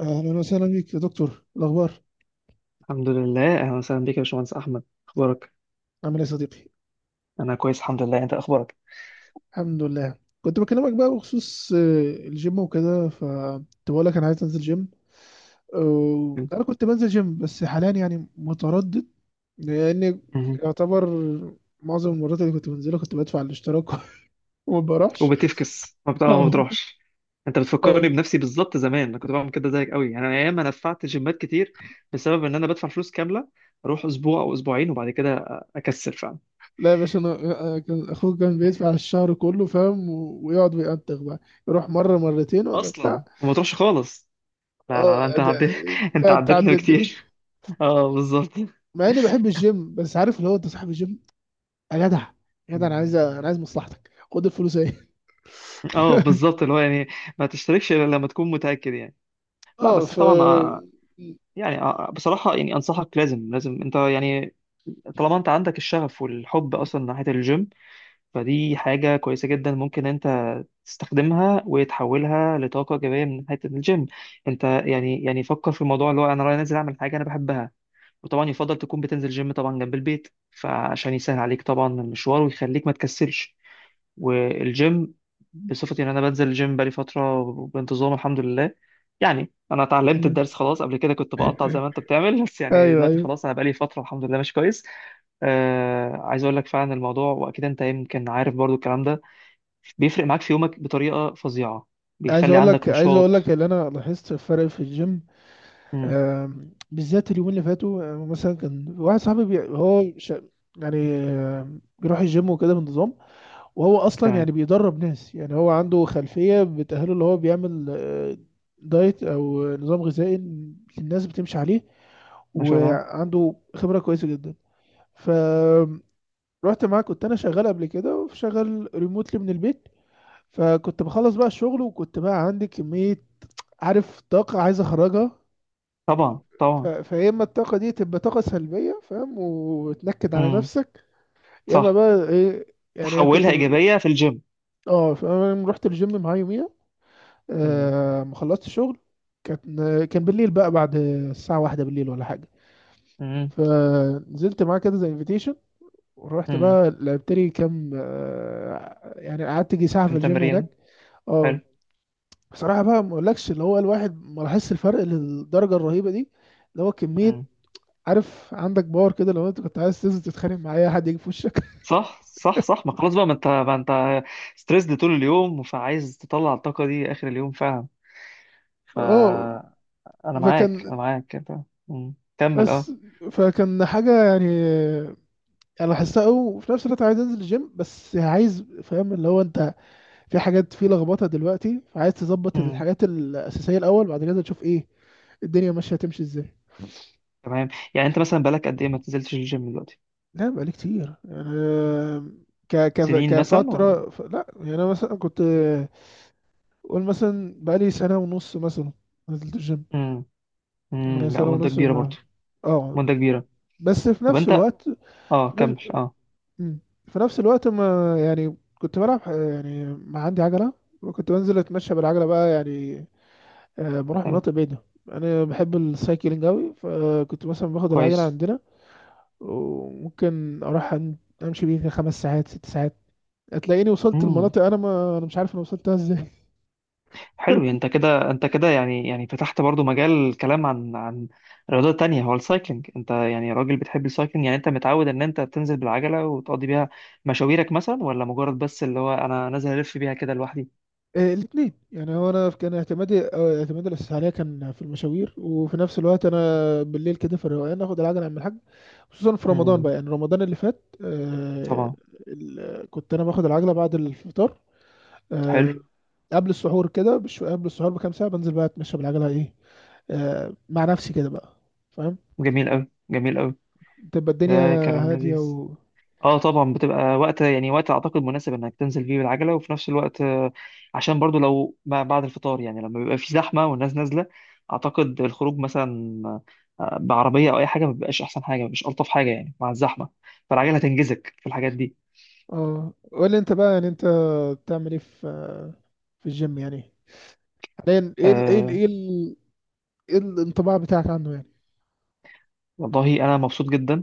اهلا وسهلا بيك يا دكتور. الاخبار؟ الحمد لله، اهلا وسهلا بيك يا باشمهندس احمد. اخبارك؟ عامل ايه يا صديقي؟ انا كويس الحمد لله. انت اخبارك؟ الحمد لله. كنت بكلمك بقى بخصوص الجيم وكده، فكنت بقول لك انا عايز انزل جيم. انا كنت بنزل جيم بس حاليا يعني متردد، لان مهم. يعتبر معظم المرات اللي كنت بنزلها كنت بدفع الاشتراك وما بروحش. وبتفكس، ما بتقع، ما أه. بتروحش. انت أه. بتفكرني بنفسي بالظبط. زمان انا كنت بعمل كده زيك قوي، يعني انا ايام انا دفعت جيمات كتير، بسبب ان انا بدفع فلوس كامله اروح اسبوع او اسبوعين وبعد كده اكسل فعلا. لا يا باشا، انا أنا كان اخوك كان بيدفع الشهر كله، فاهم؟ ويقعد ويأنتخ بقى، يروح مره مرتين ولا اصلا بتاع. وما تروحش خالص. لا لا لا، اه، انت ده عديت. ده انت عديتني اتعدد. كتير. اه، بالظبط. مع اني بحب الجيم، بس عارف اللي هو انت صاحب الجيم يا جدع، يا جدع، انا عايز، انا مم. عايز مصلحتك، خد الفلوس اهي. اه بالظبط، اللي هو يعني ما تشتركش الا لما تكون متاكد يعني. لا، اه، بس ف... طبعا يعني بصراحة، يعني أنصحك، لازم لازم أنت يعني، طالما أنت عندك الشغف والحب أصلا ناحية الجيم، فدي حاجة كويسة جدا ممكن أنت تستخدمها وتحولها لطاقة إيجابية من ناحية الجيم. أنت يعني فكر في الموضوع اللي هو أنا رايح نازل أعمل حاجة أنا بحبها. وطبعا يفضل تكون بتنزل جيم طبعا جنب البيت، فعشان يسهل عليك طبعا المشوار ويخليك ما تكسلش. والجيم، بصفتي ان انا بنزل الجيم بقالي فتره بانتظام الحمد لله، يعني انا اتعلمت مم. الدرس خلاص. قبل كده كنت بقطع زي ما انت بتعمل، بس يعني ايوه، دلوقتي ايوه. خلاص انا بقالي فتره الحمد لله مش كويس. عايز اقول لك فعلا الموضوع، واكيد انت يمكن عارف برضو الكلام ده بيفرق معاك في يومك بطريقه فظيعه، عايز بيخلي اقول عندك لك عايز اقول لك نشاط. اللي انا لاحظت الفرق في الجيم. امم. بالذات اليومين اللي فاتوا. مثلا كان واحد صاحبي يعني بيروح الجيم وكده بانتظام، وهو اصلا تمام. يعني بيدرب ناس، يعني هو عنده خلفيه بتاهله، اللي هو بيعمل دايت او نظام غذائي الناس بتمشي عليه، ما شاء الله. وعنده خبرة كويسة جدا. ف... رحت معاه. كنت انا شغال قبل كده، وشغال ريموتلي من البيت، فكنت بخلص بقى الشغل، وكنت بقى عندي كمية، عارف، طاقة عايز اخرجها. طبعا ف... طبعا. فيا اما الطاقة دي تبقى طاقة سلبية، فاهم، وتنكد على امم. نفسك، يا اما صح. بقى ايه يعني، تحولها ايجابيه في الجيم. اه فانا رحت الجيم معاه يوميها. امم آه، ما خلصت الشغل، كان بالليل بقى، بعد الساعة واحدة بالليل ولا حاجة، امم فنزلت معاه كده زي انفيتيشن، ورحت امم. بقى لعبت لي كام، يعني قعدت يجي ساعة في كم الجيم هناك. تمرين. حلو. اه، بصراحة بقى، ما اقولكش اللي هو الواحد ما لاحظش الفرق للدرجة الرهيبة دي. اللي هو كمية، عارف، عندك باور كده، لو انت كنت عايز تنزل تتخانق مع اي حد يجي في وشك. صح صح صح. ما خلاص بقى، ما انت ستريسد طول اليوم، فعايز تطلع الطاقة دي آخر اليوم فعلا. اه. فأنا معاك، أنا فكان، معاك أنت. مم. كمل بس أه. فكان حاجة يعني انا لاحظتها قوي. وفي نفس الوقت عايز انزل الجيم، بس عايز، فاهم اللي هو انت في حاجات، في لخبطة دلوقتي، فعايز تظبط مم. الحاجات الأساسية الأول، بعد كده تشوف ايه الدنيا ماشية، هتمشي ازاي. تمام. يعني أنت مثلا بقالك قد إيه ما نزلتش الجيم دلوقتي؟ لا بقالي كتير يعني. ك ك سنين مثلا ولا؟ كفترة ف... لا يعني أنا مثلا كنت، قول مثلا بقالي سنة ونص مثلا نزلت الجيم. مم. يعني مم. لا سنة مدة ونص كبيرة ما... برضو. اه. مدة كبيرة. بس في طب نفس أنت، الوقت، أه في نفس, كمل أه. مم. في نفس الوقت ما يعني كنت بلعب يعني ما عندي عجلة، وكنت بنزل أتمشى بالعجلة بقى، يعني بروح حلو. مناطق بعيدة. أنا بحب السايكلينج أوي، فكنت مثلا باخد العجلة كويس. عندنا، وممكن أروح أمشي بيها خمس ساعات، ست ساعات. هتلاقيني وصلت مم. لمناطق انا ما انا مش عارف انا وصلتها ازاي. حلو، انت كده انت كده يعني فتحت برضو مجال كلام عن رياضات تانية. هو السايكلينج، انت يعني راجل بتحب السايكلينج، يعني انت متعود ان انت بتنزل بالعجلة وتقضي بيها مشاويرك مثلا، ولا مجرد بس اللي هو انا نازل الف بيها كده لوحدي؟ الاثنين يعني. هو انا كان اعتمادي، اعتمادي الاساسي عليها كان في المشاوير، وفي نفس الوقت انا بالليل كده في الروقان اخد العجله اعمل حاجه. خصوصا في رمضان امم. بقى، يعني رمضان اللي فات، طبعا. ال- كنت انا باخد العجله بعد الفطار، حلو. آه، قبل السحور كده بش قبل السحور بكام ساعه بنزل بقى اتمشى بالعجله ايه، مع نفسي كده بقى. فاهم؟ جميل قوي جميل قوي. تبقى الدنيا ده كلام هاديه. لذيذ. و... اه طبعا بتبقى وقت، يعني وقت اعتقد مناسب انك تنزل فيه بالعجله، وفي نفس الوقت عشان برضو لو ما بعد الفطار، يعني لما بيبقى في زحمه والناس نازله، اعتقد الخروج مثلا بعربيه او اي حاجه ما بيبقاش احسن حاجه، مش الطف حاجه يعني مع الزحمه، فالعجله هتنجزك في الحاجات دي. اه قول لي انت بقى، يعني انت بتعمل ايه في في الجيم يعني حاليا؟ ايه ال ايه ال آه، ايه ال ايه الانطباع بتاعك عنه يعني؟ والله انا مبسوط جدا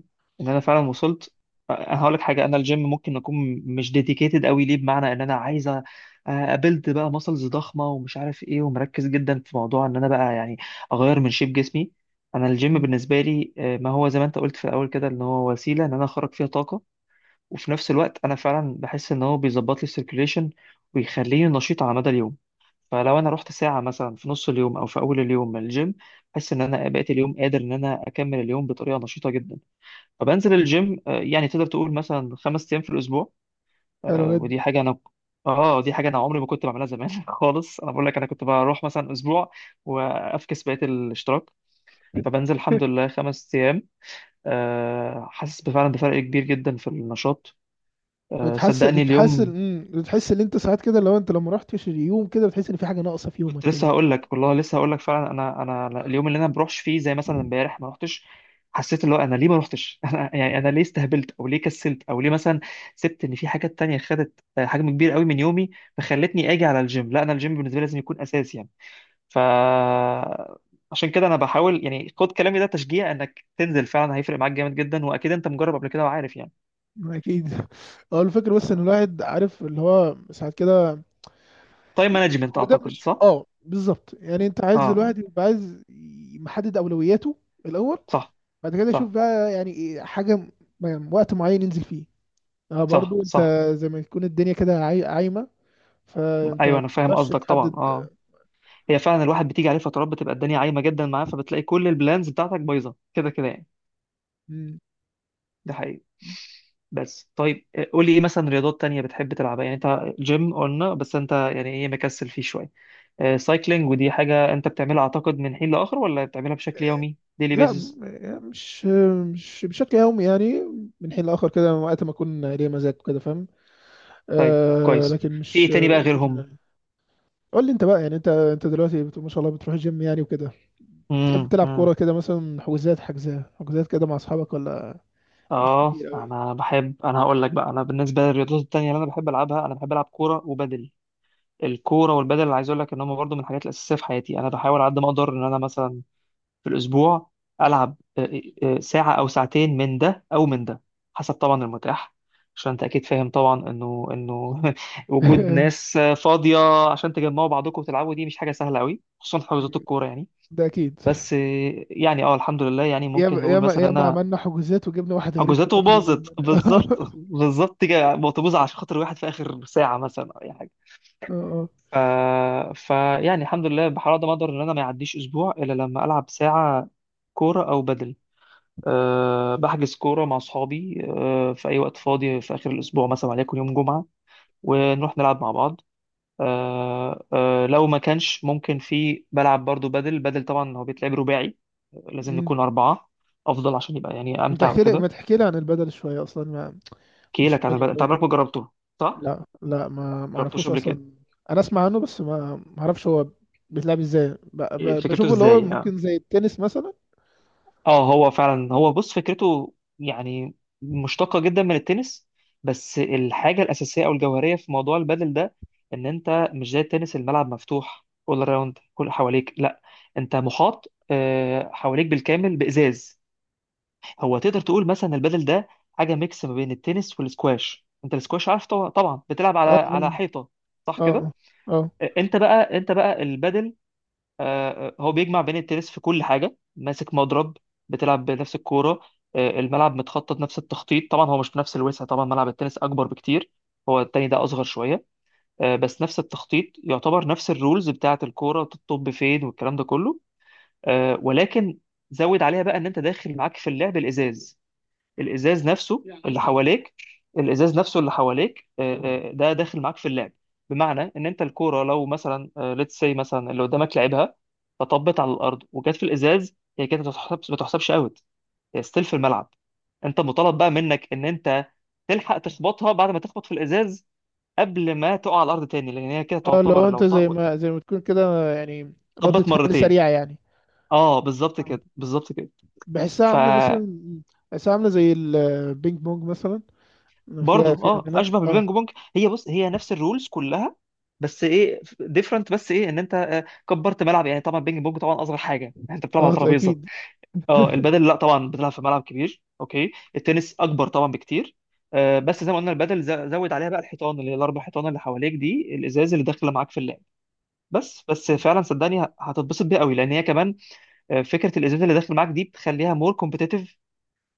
ان انا فعلا وصلت. انا هقول لك حاجه، انا الجيم ممكن اكون مش ديديكيتد قوي ليه، بمعنى ان انا عايزه ابلد بقى ماسلز ضخمه ومش عارف ايه، ومركز جدا في موضوع ان انا بقى يعني اغير من شيب جسمي. انا الجيم مم. بالنسبه لي ما هو زي ما انت قلت في الاول كده، ان هو وسيله ان انا اخرج فيها طاقه، وفي نفس الوقت انا فعلا بحس ان هو بيظبط لي السيركيليشن ويخليني نشيط على مدى اليوم. فلو انا رحت ساعه مثلا في نص اليوم او في اول اليوم من الجيم، بحس ان انا بقيت اليوم قادر ان انا اكمل اليوم بطريقه نشيطه جدا. فبنزل الجيم، يعني تقدر تقول مثلا خمس ايام في الاسبوع. حلو جدا. ودي حاجه انا، اه دي حاجه انا عمري ما كنت بعملها زمان خالص. انا بقول لك انا كنت بروح مثلا اسبوع وافكس بقيه الاشتراك. فبنزل الحمد لله خمس ايام، حاسس بفعلا بفرق كبير جدا في النشاط. بتحس صدقني بتحس اليوم بتحس ان انت ساعات كده، لو انت لما رحتش اليوم كده، بتحس ان في حاجه ناقصه في يومك كنت كده. لسه هقول لك، والله لسه هقول لك فعلا. انا انا أنا اليوم اللي انا ما بروحش فيه، زي مثلا امبارح ما رحتش، حسيت اللي هو انا ليه ما رحتش. انا يعني انا ليه استهبلت، او ليه كسلت، او ليه مثلا سبت ان في حاجات تانية خدت حجم كبير قوي من يومي فخلتني اجي على الجيم؟ لا، انا الجيم بالنسبه لي لازم يكون اساسي يعني. ف عشان كده انا بحاول، يعني خد كلامي ده تشجيع انك تنزل فعلا، هيفرق معاك جامد جدا، واكيد انت مجرب قبل كده وعارف يعني. اكيد. هو الفكره بس ان الواحد عارف اللي هو ساعات كده، تايم يعني مانجمنت، هو ده اعتقد مش، صح. اه بالظبط، يعني انت عايز الواحد اه، يبقى عايز محدد اولوياته الاول، صح بعد كده يشوف صح بقى يعني، إيه حاجه يعني وقت معين ينزل فيه. اه، صح برضو انت صح. زي ما تكون الدنيا كده عايمه، فانت ما ايوه انا فاهم بتقدرش قصدك طبعا، تحدد. اه. هي فعلا الواحد بتيجي عليه فترات بتبقى الدنيا عايمه جدا معاه، فبتلاقي كل البلانز بتاعتك بايظه كده كده يعني. مم. ده حقيقي. بس طيب، قول لي ايه مثلا رياضات تانية بتحب تلعبها؟ يعني انت جيم قلنا، بس انت يعني ايه، مكسل فيه شويه. سايكلينج، ودي حاجه انت بتعملها اعتقد من حين لاخر، ولا بتعملها بشكل يومي ديلي لا بيزس؟ يعني مش بشكل يومي يعني. من حين لاخر كده، وقت ما اكون ليا مزاج كده، فاهم؟ طيب، آه، كويس. لكن في مش ايه تاني بقى روتين غيرهم؟ يعني. قول لي انت بقى، يعني انت انت دلوقتي ما شاء الله بتروح الجيم يعني وكده، بتحب تلعب امم. كوره كده مثلا، حجوزات كده مع اصحابك ولا مش اه كتير قوي؟ انا هقول لك بقى، انا بالنسبه للرياضات التانية اللي انا بحب العبها، انا بحب العب كوره وبدل. الكوره والبدل اللي عايز اقول لك ان هم برضو من الحاجات الاساسيه في حياتي. انا بحاول على قد ما اقدر ان انا مثلا في الاسبوع العب ساعه او ساعتين من ده او من ده، حسب طبعا المتاح. عشان انت اكيد فاهم طبعا انه وجود ناس فاضيه عشان تجمعوا بعضكم وتلعبوا دي مش حاجه سهله قوي، خصوصا في حجوزات الكوره يعني. ده اكيد. بس يعني اه الحمد لله، يعني ممكن ياما نقول ياما مثلا ياما انا عملنا حجوزات وجبنا واحد غريب في حجوزاته الاخر يلعب باظت بالظبط. معانا. بالظبط كده بطبوظ عشان خاطر واحد في اخر ساعه مثلا. اه، اه. ف... فيعني الحمد لله بحاول ما اقدر ان انا ما يعديش اسبوع الا لما العب ساعه كوره او بدل. أه بحجز كوره مع اصحابي، في اي وقت فاضي في اخر الاسبوع مثلا، وليكن يوم جمعه، ونروح نلعب مع بعض. أه أه لو ما كانش ممكن في، بلعب برضو بدل. بدل طبعا هو بيتلعب رباعي، لازم مم. نكون اربعه افضل، عشان يبقى يعني ما امتع تحكي لي وكده. ما تحكي لي عن البدل شويه اصلا، احكي مش لك عن غالي البدل، انت قوي؟ عمرك ما جربته، صح؟ ما لا لا، ما جربتوش اعرفوش قبل كده. اصلا. انا اسمع عنه بس ما اعرفش هو بيتلعب ازاي. فكرته بشوفه اللي هو ازاي؟ ممكن زي التنس مثلا. اه هو فعلا، هو بص فكرته يعني مشتقة جدا من التنس. بس الحاجة الأساسية أو الجوهرية في موضوع البادل ده، إن أنت مش زي التنس، الملعب مفتوح أول راوند كل حواليك، لا، أنت محاط، حواليك بالكامل بإزاز. هو تقدر تقول مثلا البادل ده حاجة ميكس ما بين التنس والسكواش. أنت السكواش عارف طبعا طبعاً، بتلعب على اه، حيطة، صح كده. اه، اه، أنت بقى، البادل، هو بيجمع بين التنس في كل حاجة، ماسك مضرب، بتلعب بنفس الكورة، الملعب متخطط نفس التخطيط. طبعا هو مش بنفس الوسع، طبعا ملعب التنس أكبر بكتير، هو التاني ده أصغر شوية، بس نفس التخطيط يعتبر، نفس الرولز بتاعة الكورة تطب فين والكلام ده كله. ولكن زود عليها بقى إن أنت داخل معاك في اللعب الإزاز. الازاز نفسه اللي حواليك الازاز نفسه اللي حواليك، ده داخل معاك في اللعب. بمعنى ان انت الكوره لو مثلا ليتس سي مثلا اللي قدامك لعبها، فطبت على الارض وجت في الازاز، هي كده ما بتحسبش، ما تحسبش اوت، هي ستيل في الملعب. انت مطالب بقى منك ان انت تلحق تخبطها بعد ما تخبط في الازاز، قبل ما تقع على الارض تاني، لان هي كده اه، لو تعتبر انت لو زي ما، زي ما تكون كده يعني، ردة طبت فعل مرتين. سريعة يعني. اه بالظبط آه. كده بالظبط كده. بحسها ف عاملة مثلا، بحسها عاملة زي البينج بونج مثلا. فيها، برضه فيها اه منها، اشبه اه. بالبينج بونج. هي بص، نفس الرولز كلها، بس ايه ديفرنت، بس ايه ان انت كبرت ملعب. يعني طبعا البينج بونج طبعا اصغر حاجه، يعني انت بتلعب على اه ترابيزه. اكيد. اه البدل لا، طبعا بتلعب في ملعب كبير. اوكي التنس اكبر طبعا بكتير، بس زي ما قلنا البدل زود عليها بقى الحيطان، اللي هي الاربع حيطان اللي حواليك دي، الازاز اللي داخله معاك في اللعب. بس فعلا صدقني هتتبسط بيها قوي، لان هي كمان فكره الازاز اللي داخل معاك دي بتخليها مور كومبتيتيف،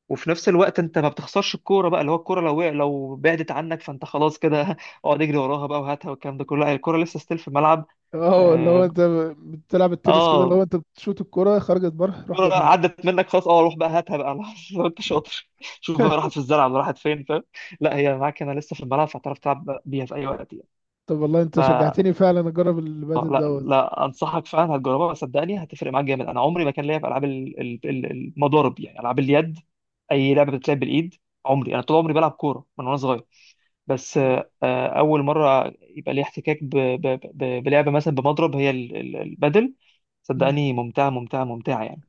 وفي نفس الوقت انت ما بتخسرش الكوره بقى، اللي هو الكوره لو لو بعدت عنك فانت خلاص كده. اقعد اجري وراها بقى وهاتها والكلام ده كله، لا الكوره لسه ستيل في الملعب. اه اللي هو اه، انت بتلعب التنس كده، اللي هو آه، انت بتشوت الكرة خرجت بره، روح الكوره جابها بقى. عدت منك خلاص، اه روح بقى هاتها بقى، لو انت شاطر. شوف بقى راحت في الزرع ولا راحت فين، فاهم. لا هي معاك هنا لسه في الملعب، فهتعرف تلعب بيها في اي وقت. طب والله انت يعني شجعتني فعلا اجرب البادل لا دوت لا، انصحك فعلا هتجربها، صدقني هتفرق معاك جامد. انا عمري ما كان ليا في العاب المضارب، يعني العاب اليد، اي لعبه بتتلعب بالايد. عمري انا طول عمري بلعب كوره من وانا صغير، بس اول مره يبقى لي احتكاك بلعبه مثلا بمضرب، هي البادل. مم. صدقني ممتعه ممتعه ممتعه يعني.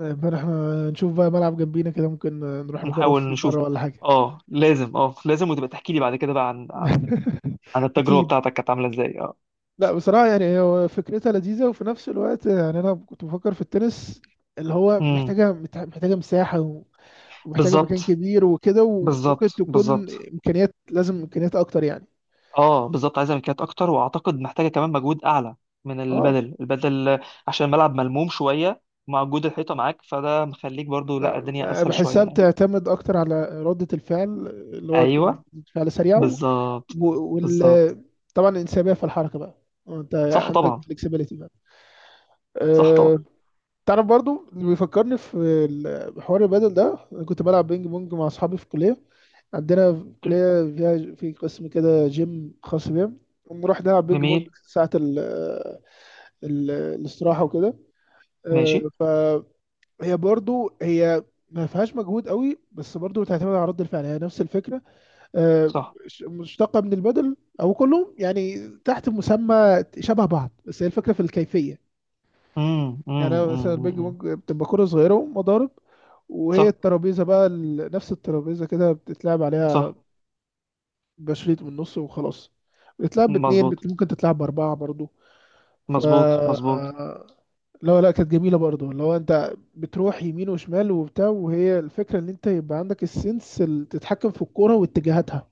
امبارح احنا نشوف بقى ملعب جنبينا كده، ممكن نروح نجرب هنحاول فيه نشوف. مرة ولا حاجة. اه لازم، اه لازم، وتبقى تحكي لي بعد كده بقى عن, التجربه اكيد. بتاعتك كانت عامله ازاي، اه. لا بصراحة يعني، هو فكرتها لذيذة. وفي نفس الوقت يعني انا كنت بفكر في التنس اللي هو امم. محتاجة، محتاجة مساحة ومحتاجة مكان بالظبط كبير وكده، وممكن بالظبط تكون بالظبط، امكانيات، لازم امكانيات اكتر يعني. اه بالظبط، عايزه ملكيات اكتر، واعتقد محتاجه كمان مجهود اعلى من اه. البدل. البدل عشان الملعب ملموم شويه، مع وجود الحيطه معاك، فده مخليك برضو لا لا، الدنيا يعني اسهل شويه بحسها يعني. بتعتمد اكتر على ردة الفعل، اللي هو تكون ايوه ردة فعل سريعة و... بالظبط و- بالظبط. وال طبعا الانسيابية في الحركة بقى، يعني انت صح عندك طبعا. فلكسبيليتي بقى. صح طبعا. أه... تعرف برضو اللي بيفكرني في حوار البدل ده، انا كنت بلعب بينج بونج مع اصحابي في الكلية. عندنا في حلو. الكلية فيها في قسم كده جيم خاص بيها، بنروح نلعب بينج بونج جميل. ساعة الاستراحة وكده. أه... ماشي. ف... هي برضو هي ما فيهاش مجهود قوي، بس برضو بتعتمد على رد الفعل، هي نفس الفكره. آه، صح. مشتقه من البدل، او كلهم يعني تحت مسمى شبه بعض، بس هي الفكره في الكيفيه. امم يعني امم أنا مثلا البينج امم امم. بونج بتبقى كره صغيره ومضارب، وهي صح الترابيزه بقى نفس الترابيزه كده بتتلعب عليها صح. بشريط من النص، وخلاص. بتتلعب باتنين مظبوط ممكن تتلعب باربعه برضو. ف... مظبوط مظبوط. لا لا، كانت جميله برضه، اللي هو انت بتروح يمين وشمال وبتاع، وهي الفكره ان انت يبقى عندك السنس اللي تتحكم في الكوره واتجاهاتها.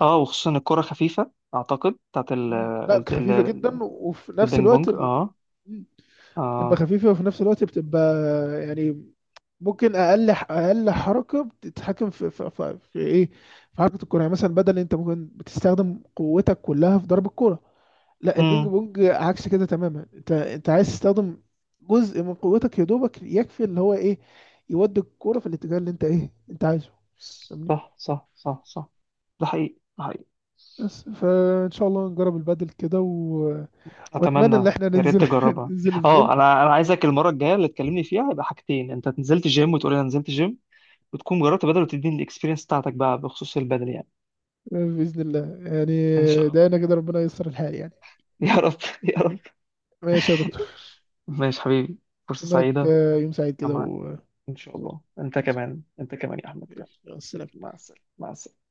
اه وخصوصا الكره خفيفه اعتقد بتاعت مم. لا الت- خفيفه ال- جدا، وفي نفس البينج الوقت بونج، اه. مم. بتبقى اه. خفيفه، وفي نفس الوقت بتبقى يعني ممكن اقل حركه بتتحكم في ايه، في حركه الكوره يعني. مثلا بدل، انت ممكن بتستخدم قوتك كلها في ضرب الكوره. لا البينج امم. بونج عكس كده تماما، انت عايز تستخدم جزء من قوتك يا دوبك يكفي اللي هو ايه، يودي الكوره في الاتجاه اللي انت ايه انت عايزه. فاهمني؟ صح صح صح صح. ده حقيقي ده حقيقي. بس فان شاء الله نجرب البادل كده، و... واتمنى اتمنى. ان احنا يا ننزل ريت تجربها. ننزل الجيم. اه انا عايزك المره الجايه اللي تكلمني فيها يبقى حاجتين، انت نزلت جيم وتقول لي انا نزلت جيم، وتكون جربت بدل وتديني الاكسبيرينس بتاعتك بقى بخصوص البدل يعني. باذن الله يعني. ان شاء الله. دعينا كده ربنا ييسر الحال يعني. يا رب يا رب. ماشي يا دكتور. ماشي حبيبي. فرصه اتمنى لك سعيده. يوم سعيد يا كده معلم. و... ان شاء الله انت ماشي. كمان انت كمان يا احمد، يلا. ماشي. مع السلامة. مع السلامه مع السلامه.